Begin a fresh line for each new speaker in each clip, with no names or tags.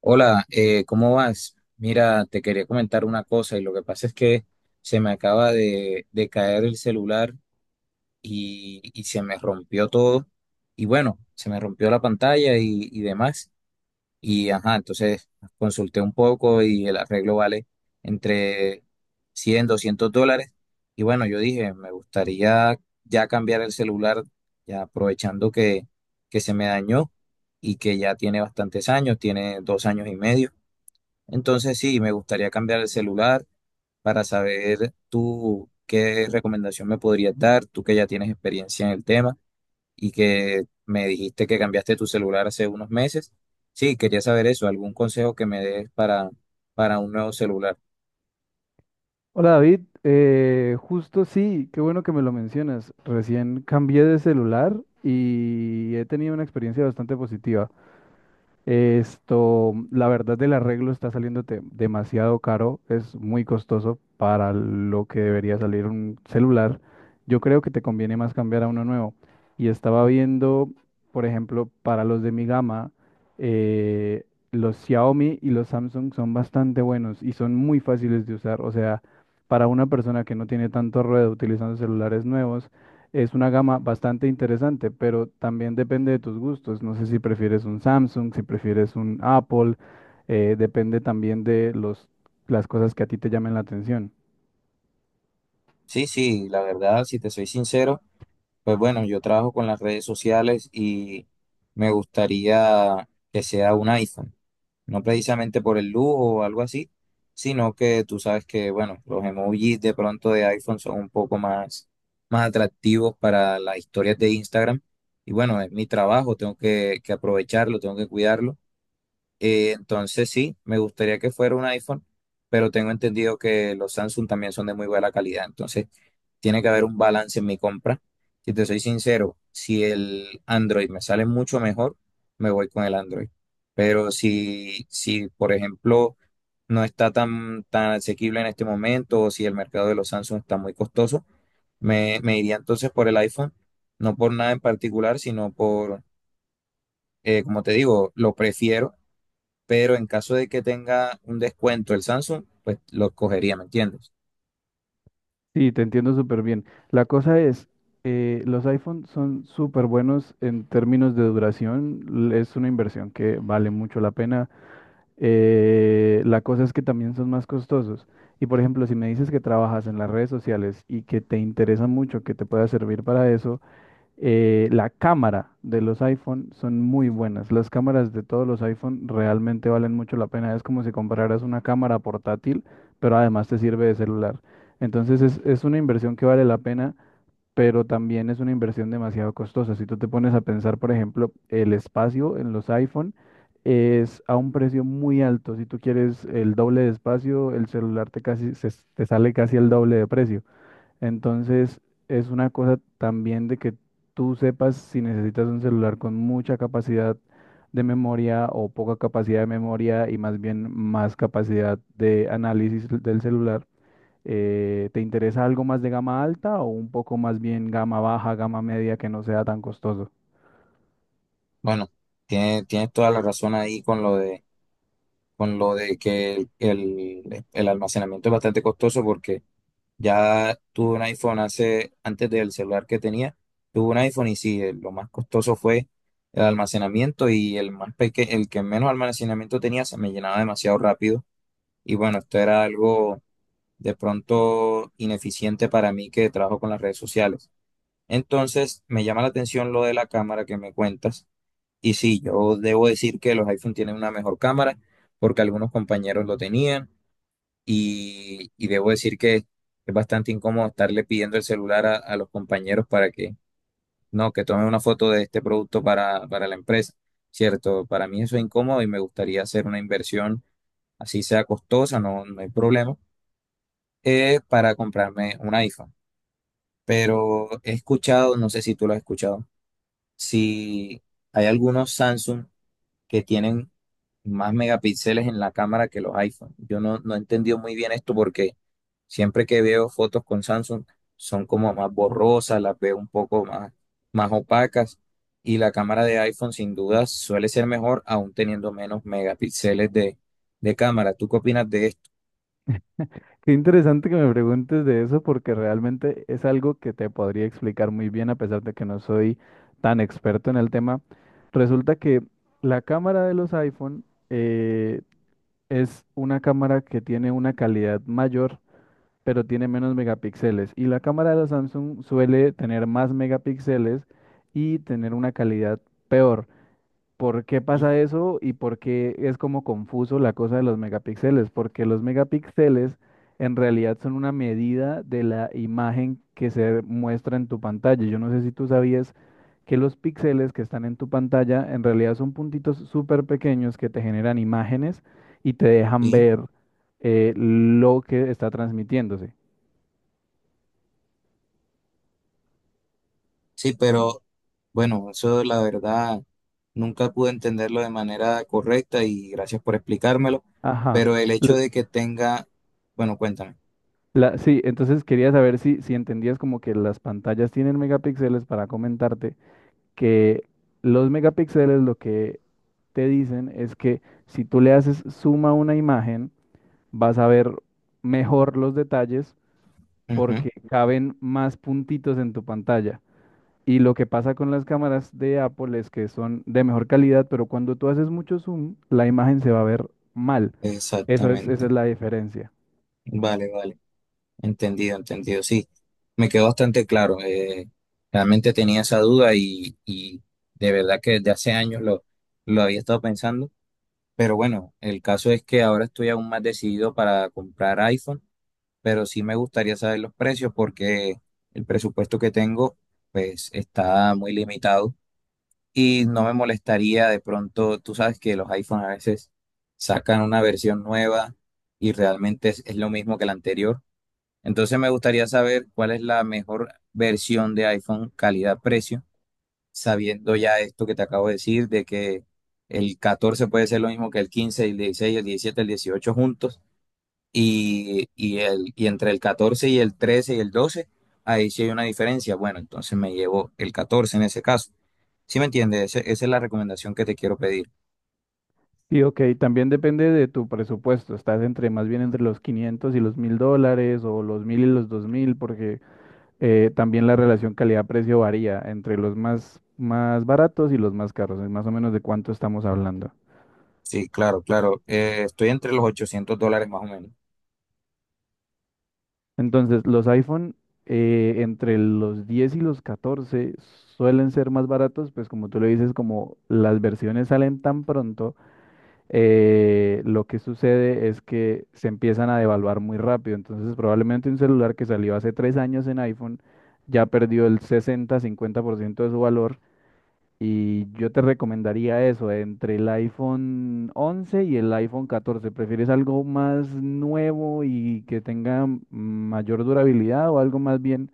Hola, ¿cómo vas? Mira, te quería comentar una cosa y lo que pasa es que se me acaba de caer el celular y se me rompió todo y bueno, se me rompió la pantalla y demás y ajá, entonces consulté un poco y el arreglo vale entre 100 $200 y bueno, yo dije, me gustaría ya cambiar el celular ya aprovechando que se me dañó y que ya tiene bastantes años, tiene 2 años y medio. Entonces sí, me gustaría cambiar el celular para saber tú qué recomendación me podrías dar, tú que ya tienes experiencia en el tema y que me dijiste que cambiaste tu celular hace unos meses. Sí, quería saber eso, algún consejo que me des para un nuevo celular.
Hola David, justo sí, qué bueno que me lo mencionas. Recién cambié de celular y he tenido una experiencia bastante positiva. Esto, la verdad del arreglo está saliéndote demasiado caro, es muy costoso para lo que debería salir un celular. Yo creo que te conviene más cambiar a uno nuevo. Y estaba viendo, por ejemplo, para los de mi gama, eh, los Xiaomi y los Samsung son bastante buenos y son muy fáciles de usar. O sea, para una persona que no tiene tanto ruedo utilizando celulares nuevos, es una gama bastante interesante, pero también depende de tus gustos. No sé si prefieres un Samsung, si prefieres un Apple, depende también las cosas que a ti te llamen la atención.
Sí, sí, la verdad, si te soy sincero. Pues bueno, yo trabajo con las redes sociales y me gustaría que sea un iPhone. No precisamente por el lujo o algo así, sino que tú sabes que, bueno, los emojis de pronto de iPhone son un poco más atractivos para las historias de Instagram. Y bueno, es mi trabajo, tengo que aprovecharlo, tengo que cuidarlo. Entonces sí, me tiene que haber un balance en mi compra. Si te soy sincero, si el Android me sale mucho mejor, me voy con el Android. Pero si por ejemplo, no está tan asequible en este momento o si el mercado de los Samsung está muy costoso, me iría entonces por el iPhone. No por nada en particular, sino por, como te digo, lo prefiero. Pero en caso de que tenga un descuento el Samsung, pues lo cogería, ¿me entiendes?
Sí, te entiendo súper bien. La cosa es, los iPhones son súper buenos en términos de duración. Es una inversión que vale mucho la pena. La cosa es que también son más costosos. Y por ejemplo, si me dices que trabajas en las redes sociales y que te interesa mucho que te pueda servir para eso, la cámara de los iPhone son muy buenas. Las cámaras de todos los iPhone realmente valen mucho la pena. Es como si compraras una cámara portátil, pero además te sirve de celular. Entonces es una inversión que vale la pena, pero también es una inversión demasiado costosa. Si tú te pones a pensar, por ejemplo, el espacio en los iPhone es a un precio muy alto. Si tú quieres el doble de espacio, el celular te casi te sale casi el doble de precio. Entonces, es una cosa también de que tú sepas si necesitas un celular con mucha capacidad de memoria o poca capacidad de memoria y más bien más capacidad de análisis del celular. ¿Te interesa algo más de gama alta o un poco más bien gama baja, gama media que no sea tan costoso?
Bueno, tienes toda la razón ahí con lo de que el almacenamiento es bastante costoso porque ya tuve un iPhone hace, antes del celular que tenía, tuve un iPhone y sí, lo más costoso fue el almacenamiento y el más el que menos almacenamiento tenía se me llenaba demasiado rápido y bueno, esto era algo de pronto ineficiente para mí que trabajo con las redes sociales. Entonces, me llama la atención lo de la cámara que me cuentas. Y sí, yo debo decir que los iPhone tienen una mejor cámara porque algunos compañeros lo tenían y debo decir que es bastante incómodo estarle pidiendo el celular a los compañeros para que, no, que tomen una foto de este producto para la empresa. Cierto, para mí eso es incómodo y me gustaría hacer una inversión, así sea costosa, no, no hay problema, para comprarme un iPhone. Pero he escuchado, no sé si tú lo has escuchado, si hay algunos Samsung que tienen más megapíxeles en la cámara que los iPhone. Yo no he entendido muy bien esto porque siempre que veo fotos con Samsung son como más borrosas, las veo un poco más opacas y la cámara de iPhone sin duda suele ser mejor aún teniendo menos megapíxeles de cámara. ¿Tú qué opinas de esto?
Qué interesante que me preguntes de eso porque realmente es algo que te podría explicar muy bien a pesar de que no soy tan experto en el tema. Resulta que la cámara de los iPhone eh, es una cámara que tiene una calidad mayor, pero tiene menos megapíxeles. Y la cámara de los Samsung suele tener más megapíxeles y tener una calidad peor. ¿Por qué
¿Mm?
pasa eso y por qué es como confuso la cosa de los megapíxeles? Porque los megapíxeles en realidad son una medida de la imagen que se muestra en tu pantalla. Yo no sé si tú sabías que los píxeles que están en tu pantalla en realidad son puntitos súper pequeños que te generan imágenes y te dejan
Sí,
ver lo que está transmitiéndose.
sí, pero bueno, eso la verdad nunca pude entenderlo de manera correcta y gracias por explicármelo,
Ajá.
pero el hecho
L-
de que tenga, bueno, cuéntame.
sí, entonces quería saber si entendías como que las pantallas tienen megapíxeles para comentarte que los megapíxeles lo que te dicen es que si tú le haces suma a una imagen, vas a ver mejor los detalles
Ujú.
porque caben más puntitos en tu pantalla. Y lo que pasa con las cámaras de Apple es que son de mejor calidad, pero cuando tú haces mucho zoom, la imagen se va a ver mal. Eso es, esa
Exactamente.
es la diferencia.
Vale, vale. Entendido, entendido. Sí, me quedó bastante claro. Realmente tenía esa duda y de verdad que desde hace años lo había estado pensando. Pero bueno, el caso es que ahora estoy aún más decidido para comprar iPhone, pero sí me gustaría saber los precios porque el presupuesto que tengo pues está muy limitado. Y no me molestaría de pronto, tú sabes que los iPhone a veces sacan una versión nueva y realmente es lo mismo que la anterior. Entonces me gustaría saber cuál es la mejor versión de iPhone calidad-precio, sabiendo ya esto que te acabo de decir, de que el 14 puede ser lo mismo que el 15, el 16, el 17, el 18 juntos y entre el 14 y el 13 y el 12 ahí sí hay una diferencia. Bueno, entonces me llevo el 14 en ese caso. ¿Sí me entiendes? Esa es la recomendación que te quiero pedir.
Y ok, también depende de tu presupuesto. ¿Estás entre más bien entre los 500 y los 1.000 dólares o los 1.000 y los 2.000? Porque también la relación calidad-precio varía entre los más baratos y los más caros, es más o menos de cuánto estamos hablando.
Sí, claro, claro. Estoy entre los $800 más o menos.
Entonces, los iPhone entre los 10 y los 14 suelen ser más baratos, pues como tú lo dices, como las versiones salen tan pronto, lo que sucede es que se empiezan a devaluar muy rápido. Entonces, probablemente un celular que salió hace 3 años en iPhone ya perdió el 60-50% de su valor. Y yo te recomendaría eso, entre el iPhone 11 y el iPhone 14. ¿Prefieres algo más nuevo y que tenga mayor durabilidad o algo más bien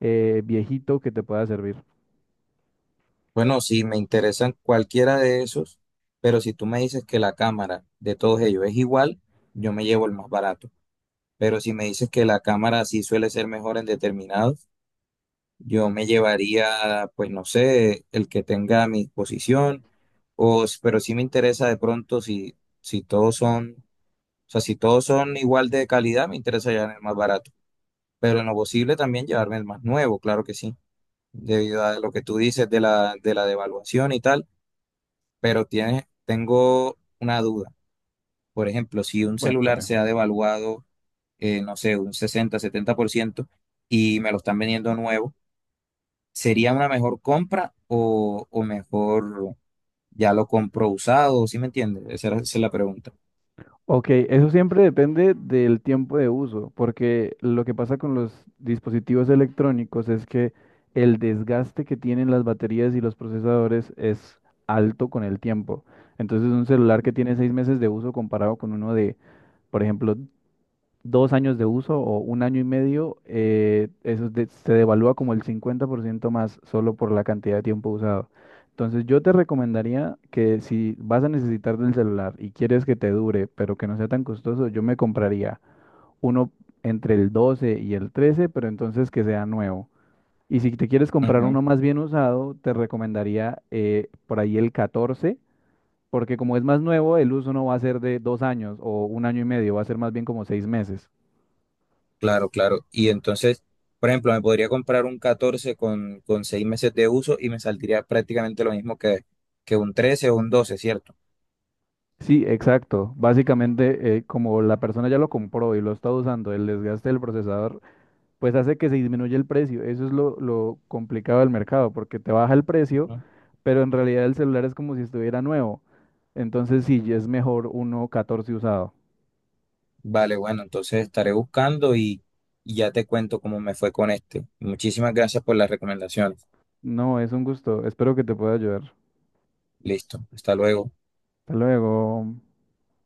viejito que te pueda servir?
Bueno, sí, me interesan cualquiera de esos, pero si tú me dices que la cámara de todos ellos es igual, yo me llevo el más barato. Pero si me dices que la cámara sí suele ser mejor en determinados, yo me llevaría, pues no sé, el que tenga a mi disposición, o, pero sí me interesa de pronto si, si todos son, o sea, si todos son igual de calidad, me interesa llevar el más barato, pero en lo posible también llevarme el más nuevo, claro que sí, debido a lo que tú dices de de la devaluación y tal, pero tengo una duda. Por ejemplo, si un celular
Cuéntame.
se ha devaluado, no sé, un 60-70% y me lo están vendiendo nuevo, ¿sería una mejor compra o mejor ya lo compro usado? ¿Sí me entiendes? Esa es la pregunta.
Ok, eso siempre depende del tiempo de uso, porque lo que pasa con los dispositivos electrónicos es que el desgaste que tienen las baterías y los procesadores es alto con el tiempo. Entonces un celular que tiene 6 meses de uso comparado con uno de por ejemplo, 2 años de uso o un año y medio, eso se devalúa como el 50% más solo por la cantidad de tiempo usado. Entonces yo te recomendaría que si vas a necesitar del celular y quieres que te dure, pero que no sea tan costoso, yo me compraría uno entre el 12 y el 13, pero entonces que sea nuevo. Y si te quieres comprar
Ujú.
uno más bien usado, te recomendaría por ahí el 14, porque como es más nuevo, el uso no va a ser de 2 años o un año y medio, va a ser más bien como 6 meses.
Claro, claro. Y entonces, por ejemplo, me podría comprar un 14 con 6 meses de uso y me saldría prácticamente lo mismo que un 13 o un 12, ¿cierto?
Sí, exacto. Básicamente, como la persona ya lo compró y lo está usando, el desgaste del procesador, pues hace que se disminuya el precio. Eso es lo complicado del mercado, porque te baja el precio,
Ujú.
pero en realidad el celular es como si estuviera nuevo. Entonces, sí, ya es mejor uno 14 usado.
Vale, bueno, entonces estaré buscando y ya te cuento cómo me fue con este. Muchísimas gracias por las recomendaciones.
No, es un gusto. Espero que te pueda ayudar.
Listo, hasta luego.
Hasta luego.